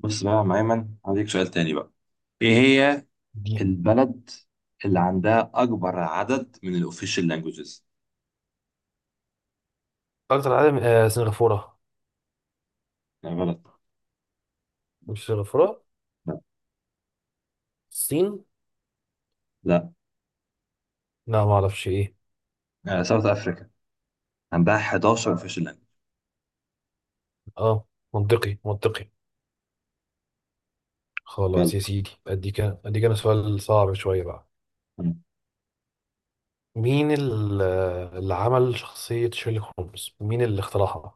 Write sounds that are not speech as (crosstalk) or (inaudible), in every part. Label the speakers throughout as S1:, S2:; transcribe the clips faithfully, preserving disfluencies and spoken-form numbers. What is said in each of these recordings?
S1: بص بقى يا عم أيمن، هديك سؤال تاني بقى. إيه هي
S2: دي
S1: البلد اللي عندها أكبر عدد من الأوفيشال لانجوجز؟
S2: اكتر عالم آه سنغافورة.
S1: لا، غلط.
S2: مش سنغافورة،
S1: لا،
S2: الصين.
S1: لا.
S2: لا ما اعرفش ايه.
S1: آه، ساوث أفريكا عندها إحدى عشر أوفيشال لانجوج.
S2: اه، منطقي منطقي خلاص يا
S1: غلط.
S2: سيدي، اديك اديك انا سؤال صعب شوية بقى.
S1: أنا
S2: مين ال- آه، اللي عمل شخصية شيرلوك هولمز، مين اللي اخترعها؟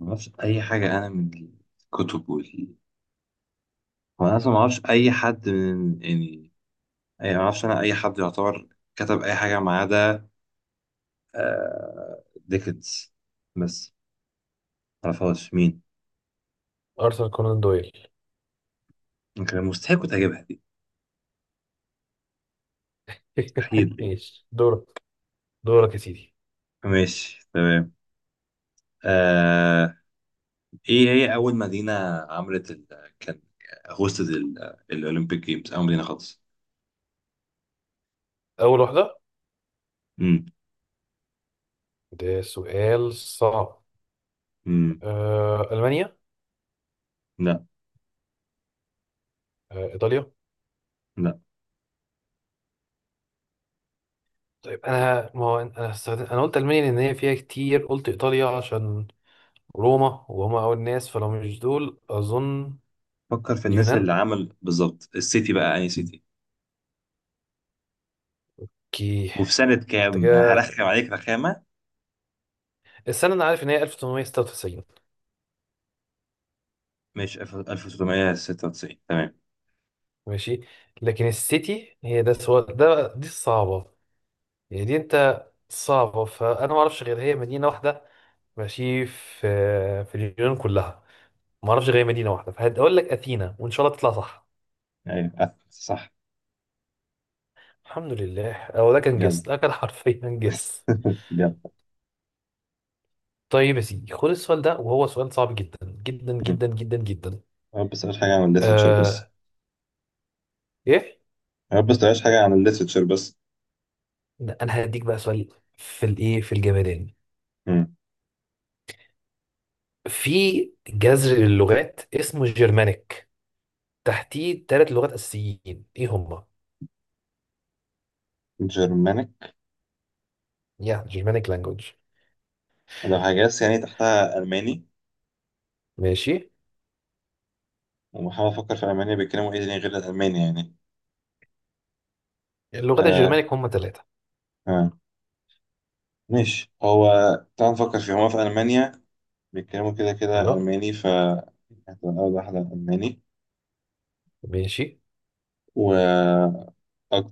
S1: ما أعرفش أي حاجة، أنا من الكتب وال وأنا أصلا ما أعرفش أي حد، من يعني، أي، ما أعرفش أنا أي حد يعتبر كتب أي حاجة ما عدا آه، ديكنز بس، ما أعرفهاش مين.
S2: ارثر كونان دويل.
S1: كان مستحيل كنت هجيبها دي،
S2: (laughs)
S1: مستحيل.
S2: ماشي دورك، دورك يا سيدي.
S1: ماشي، تمام. آه ايه هي اول مدينة عملت ال... كان هوستد ال... الاولمبيك جيمز، اول مدينة خالص؟
S2: اول واحدة؟
S1: امم
S2: ده سؤال صعب.
S1: امم
S2: آه المانيا.
S1: لا،
S2: آه ايطاليا.
S1: لا.
S2: طيب انا ما هو انا استخدم... انا قلت المانيا لان هي فيها كتير، قلت ايطاليا عشان روما، وهم أول ناس، فلو مش دول أظن.
S1: فكر في الناس
S2: اليونان.
S1: اللي عمل بالظبط، السيتي بقى، اي سيتي.
S2: كي
S1: وفي سنة
S2: انت
S1: كام،
S2: كده،
S1: هرخم عليك رخامة.
S2: السنة أنا عارف إن هي ألف وتمنميه ستة وتسعين.
S1: مش ألف وتسعمية ستة وتسعين، تمام.
S2: ماشي، لكن السيتي هي ده سو... ده دي الصعبة، يعني دي أنت صعبة، فأنا ما أعرفش غير هي مدينة واحدة ماشي في في اليونان كلها. ما أعرفش غير هي مدينة واحدة، فهقول لك أثينا وإن شاء الله تطلع صح.
S1: ايوه، آه، صح.
S2: الحمد لله، أو ده كان
S1: جدع،
S2: جس، ده كان (laughs) حرفيا جس.
S1: جدع.
S2: طيب يا سيدي خد السؤال ده، وهو سؤال صعب جدا جدا
S1: (laughs) مم.
S2: جدا جدا جدا.
S1: يا رب بس مش حاجة عن الليترتشر، بس
S2: آه، ايه؟
S1: يا رب بس مش حاجة عن الليترتشر بس.
S2: ده انا هديك بقى سؤال في الايه في الجمدان.
S1: مم.
S2: في جذر للغات اسمه الجرمانيك، تحتيه ثلاث لغات اساسيين، ايه هما؟
S1: جرمانيك.
S2: يا جرمانيك لانجوج.
S1: لو هجاس يعني، تحتها ألماني.
S2: ماشي.
S1: وبحاول أفكر في ألمانيا بيتكلموا إيه تاني غير الألماني يعني.
S2: اللغات
S1: أه،
S2: الجرمانيك هما ثلاثه.
S1: آه. ماشي. هو تعال نفكر فيه، هما في ألمانيا بيتكلموا كده كده
S2: ايوه.
S1: ألماني، ف يعني هتبقى أول واحدة ألماني.
S2: ماشي.
S1: و أك-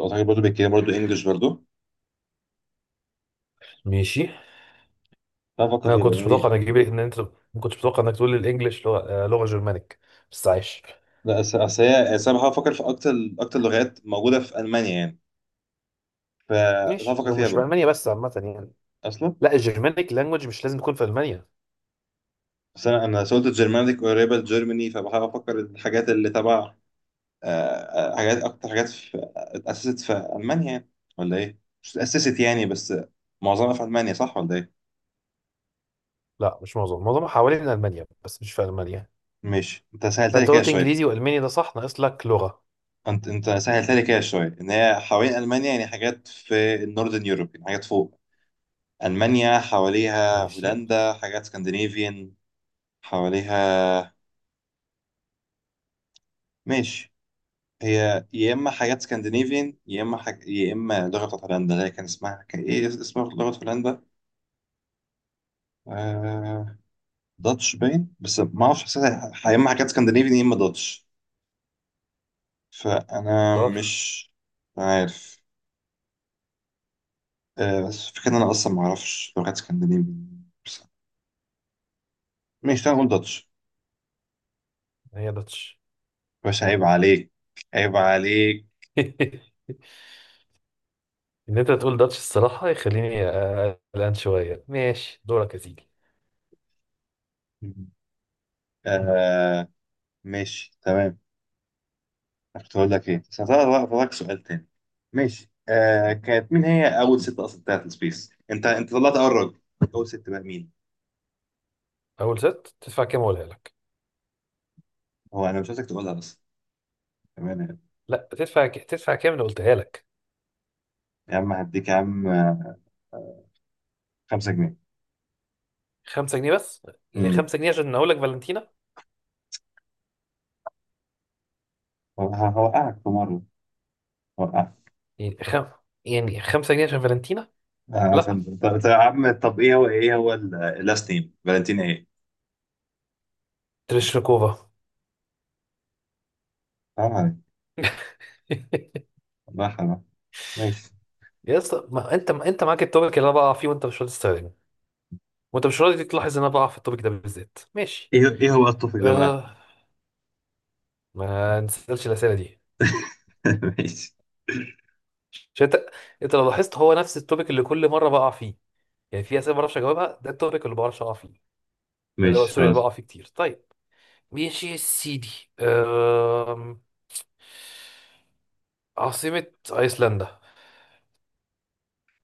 S1: أعتقد برضه بيتكلموا برضه إنجلش برضه.
S2: ماشي.
S1: تعال نفكر
S2: انا
S1: فيها بقى
S2: كنتش متوقع
S1: يعني.
S2: انك تجيب ان انت، ما كنتش متوقع انك تقول الانجليش لغه، آه، لغه جرمانيك، بس عايش.
S1: لا، أس- أصل هي أصل أنا بحاول أفكر في أكتر، أكتر لغات موجودة في ألمانيا يعني، فتعال
S2: ماشي،
S1: نفكر
S2: هو
S1: فيها
S2: مش في
S1: برضه.
S2: المانيا بس، عامه يعني.
S1: أصلا،
S2: لا الجرمانيك لانجوج مش لازم تكون في المانيا.
S1: بس أنا، أنا سولت الجرمانيك قريبة لجيرماني، فبحاول أفكر الحاجات اللي تبع. آه، آه، حاجات، اكتر حاجات في اتاسست في المانيا يعني، ولا ايه؟ مش اتاسست يعني، بس معظمها في المانيا، صح ولا ايه؟
S2: لا مش معظم، معظمها حوالين المانيا بس مش في المانيا.
S1: ماشي، انت سهلت لي
S2: فانت
S1: كده
S2: قلت
S1: شويه.
S2: انجليزي والماني، ده صح، ناقص لك لغه.
S1: انت، انت سهلت لي كده شويه ان هي حوالين المانيا يعني، حاجات في النوردن يوروب يعني، حاجات فوق المانيا، حواليها
S2: ماشي،
S1: هولندا، حاجات سكندنافيان حواليها. ماشي. هي يا اما حاجات سكندنافيان، يا اما حاج... يا اما لغه بتاعت هولندا اللي هي، كان اسمها، كان ايه اسم لغه هولندا؟ آه، داتش باين، بس ما اعرفش، حسيتها ح- يا اما حاجات اسكندنافي، يا اما داتش، فانا
S2: اختار.
S1: مش عارف. آه بس فكرة ان انا اصلا ما اعرفش لغات اسكندنافي بس. ماشي، تعالى نقول داتش.
S2: هي داتش.
S1: بس عيب عليك، عيب عليك.
S2: (laughs) ان انت تقول داتش الصراحه، يخليني قلقان شويه. ماشي دورك يا سيدي.
S1: آه، ماشي تمام. كنت هقول لك ايه، بس هسألك بقى، هسألك سؤال تاني. ماشي. آه كانت مين هي اول ست اصلا بتاعت السبيس؟ انت، انت طلعت اول راجل، اول ست بقى مين؟
S2: اول ست تدفع كام اقولها لك؟
S1: هو انا مش عايزك تقولها بس. تمام.
S2: لا، تدفع ك... تدفع كام اللي قلتها لك.
S1: يا عم هديك يا عم خمسة جنيه.
S2: خمسة جنيه بس؟ يعني
S1: مم.
S2: خمسة جنيه عشان اقول لك فالنتينا.
S1: هو- هوقعك في مرة، هوقعك.
S2: يعني خم... يعني خمسة جنيه عشان فالنتينا.
S1: آه،
S2: لا،
S1: عشان (laughs) طب، طب يا عم، طب ايه هو، ايه هو اللاست نيم، فالنتين ايه؟
S2: تريشنكوفا.
S1: حرام عليك،
S2: (laughs)
S1: والله حرام عليك. ماشي.
S2: يا اسطى، ما انت ما انت معاك التوبيك اللي انا بقع فيه وانت مش راضي تستخدمه، وانت مش راضي تلاحظ ان انا بقع في التوبيك ده بالذات. ماشي.
S1: ايه ايه هو التوبيك ده بقى؟
S2: آه، ما نسألش الأسئلة دي.
S1: (laughs) ماشي.
S2: عشان أنت أنت لو لاحظت هو نفس التوبيك اللي كل مرة بقع فيه. يعني في أسئلة ما بعرفش أجاوبها، ده التوبيك اللي ما بعرفش أقع فيه، اللي هو
S1: ماشي
S2: سوري اللي
S1: خلاص.
S2: بقع فيه كتير. طيب، ماشي يا سيدي. أم... عاصمة أيسلندا.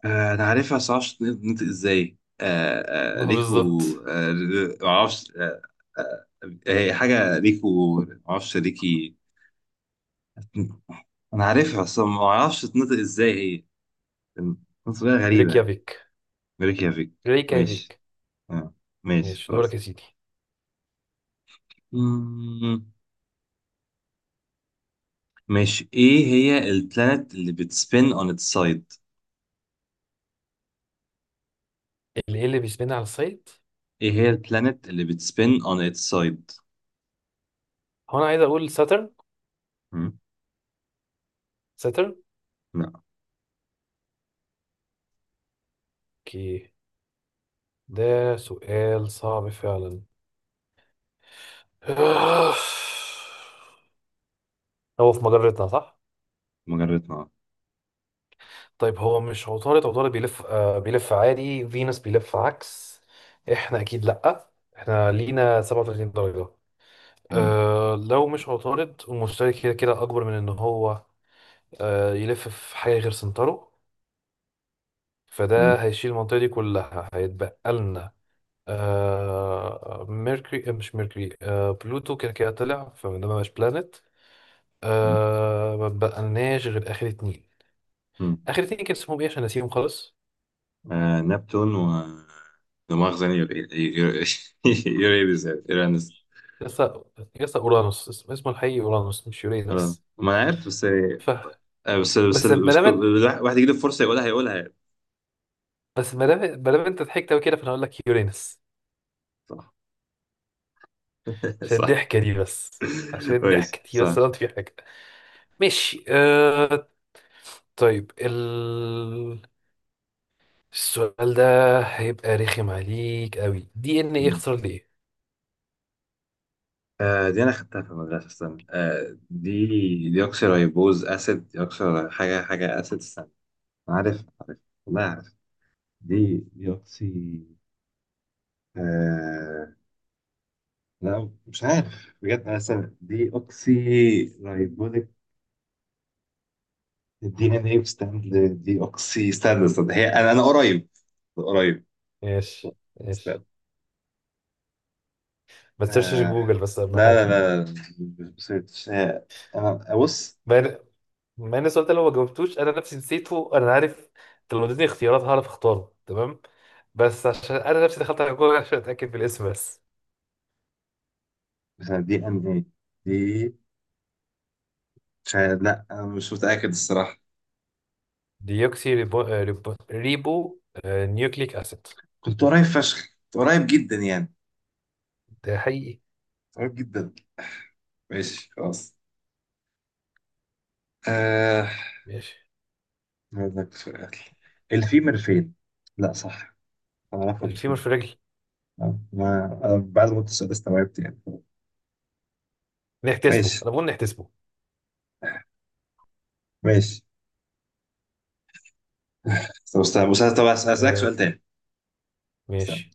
S1: آه، انا عارفها بس معرفش تنطق ازاي.
S2: (laughs)
S1: آه، آه،
S2: ما
S1: ريكو،
S2: بالظبط.
S1: آه، ر- معرفش. آه، آه، هي حاجة ريكو، معرفش، ريكي، انا عارفها بس معرفش تنطق ازاي، هي تنطق غريبة.
S2: ريكيافيك.
S1: ريكيافيك، ماشي.
S2: ريكيافيك.
S1: آه، ماشي
S2: ماشي دورك
S1: خلاص.
S2: يا سيدي.
S1: مم. ماشي، ايه هي البلانت اللي بتسبين on its side؟
S2: اللي إيه، اللي بيسمينا على الصيد؟
S1: ايه هي البلانت اللي بتسبين on its side؟
S2: هو أنا عايز أقول ساترن.
S1: مم.
S2: ساترن.
S1: لا،
S2: أوكي، ده سؤال صعب فعلا. (sighs) هو في مجرتنا صح؟
S1: مجرد نار.
S2: طيب هو مش عطارد؟ عطارد بيلف آه بيلف عادي، فينوس بيلف عكس، احنا اكيد لأ، احنا لينا سبعة وتلاتين درجة.
S1: مم.
S2: آه لو مش عطارد، المشتري كده كده اكبر من ان هو آه يلف في حاجة غير سنتره، فده
S1: مم.
S2: هيشيل المنطقة دي كلها، هيتبقى لنا آه ميركوري، آه، مش ميركوري آه بلوتو. كده كده طلع فده مبقاش بلانت.
S1: مم.
S2: آه ما بقالناش غير اخر اتنين.
S1: مم.
S2: اخر اتنين كان اسمهم ايه عشان نسيهم خالص؟
S1: آه، نبتون و، دماغ يعني، يوريدس، (laughs) يعني يورانس.
S2: يسا، يسا اورانوس، اسم- اسمه الحقيقي اورانوس مش
S1: آه،
S2: يورينس.
S1: ما انا عارف بس، آه،
S2: ف
S1: بس بس
S2: بس ما
S1: بس
S2: دام إنت-
S1: كل- واحد يجي له فرصه يقولها، هيقولها يعني.
S2: بس ما دام ما دام انت ضحكت قوي كده، فانا هقول لك يورينس.
S1: صح. (laughs)
S2: عشان
S1: صح.
S2: الضحكه دي بس، عشان
S1: ماشي،
S2: الضحكه دي
S1: صح.
S2: بس غلط في حاجه. ماشي، آه... طيب ال... السؤال ده هيبقى رخم عليك قوي. دي ان ايه، يخسر ليه؟
S1: آه دي انا خدتها في المدرسه، استنى. آه دي ديوكسيريبوز اسيد، ديوكسي، حاجه حاجه اسيد، استنى. عارف، عارف، والله عارف. دي ديوكسي، آه، لا مش عارف بجد انا، استنى، دي اوكسي رايبوزيك. الدي ان ايه ستاند، دي اوكسي ستاند، استنى، هي، انا، انا قريب، قريب.
S2: ماشي ماشي،
S1: استنى.
S2: ما تسيرشش
S1: آه
S2: جوجل بس اهم
S1: لا، لا،
S2: حاجه.
S1: لا، لا، مش مش- مش- انا، بص.
S2: ما إن- ما ان السؤال ده لو ما جاوبتوش انا نفسي نسيته انا عارف. أنت لو اديتني اختيارات هعرف اختاره تمام، بس عشان انا نفسي دخلت على جوجل عشان اتاكد بالاسم بس.
S1: مثلا دي ان ايه، مش عارف- لا انا مش متاكد الصراحه.
S2: ديوكسي ريبو, آه، ريبو, ريبو آه، نيوكليك اسيد.
S1: كنت قريب فشخ، كنت قريب جدا يعني،
S2: ده حقيقي.
S1: قريب جدا. ماشي خلاص. آه.
S2: ماشي.
S1: هقول لك سؤال، الفيمر فين؟ لا صح، انا عارفها بس،
S2: الفيمور
S1: ما
S2: في الرجل،
S1: ما- أنا بعد ما قلت السؤال استوعبت يعني.
S2: نحتسبه،
S1: ماشي،
S2: انا بقول نحتسبه.
S1: ماشي. طب استنى بس، طب اسالك
S2: آه،
S1: سؤال تاني. استنى.
S2: ماشي.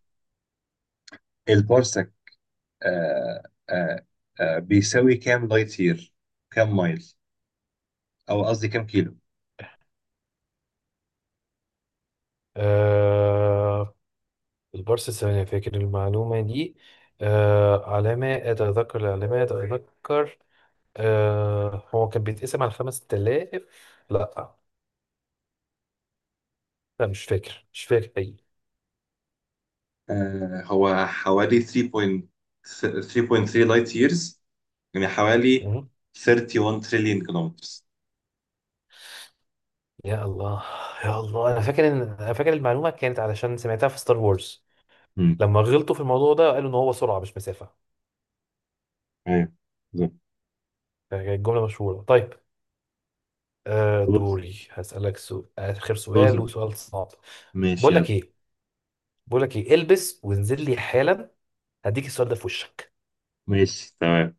S1: البارسك آه آه آه بيساوي كام لايت يير؟ كام مايل؟ او قصدي كام كيلو؟
S2: آه، البارس الثمانية فاكر المعلومة دي. آه على ما أتذكر، على ما أتذكر، آه هو كان بيتقسم على خمس تلاف. لا، لا مش فاكر، مش فاكر حقيقي.
S1: آه، هو حوالي تلاتة فاصلة تلاتة تلاتة فاصلة تلاتة لايت ييرز، يعني حوالي واحد وتلاتين تريليون كيلومترز.
S2: يا الله، يا الله انا فاكر ان انا فاكر المعلومه كانت علشان سمعتها في ستار وورز.
S1: امم
S2: لما غلطوا في الموضوع ده قالوا ان هو سرعه مش مسافه.
S1: ايوه، بالظبط.
S2: كانت الجمله مشهوره. طيب، آه
S1: خلاص،
S2: دوري هسالك سؤال، اخر
S1: خلاص.
S2: سؤال، وسؤال صعب.
S1: ماشي،
S2: بقول لك
S1: يلا.
S2: ايه، بقول لك ايه، البس وانزل لي حالا، هديك السؤال ده في وشك.
S1: ماشي، تمام.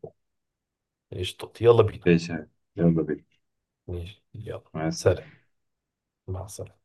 S2: قشطة يلا بينا.
S1: ماشي، يلا بينا.
S2: ماشي يلا
S1: مع السلامة.
S2: سلام. مع السلامه.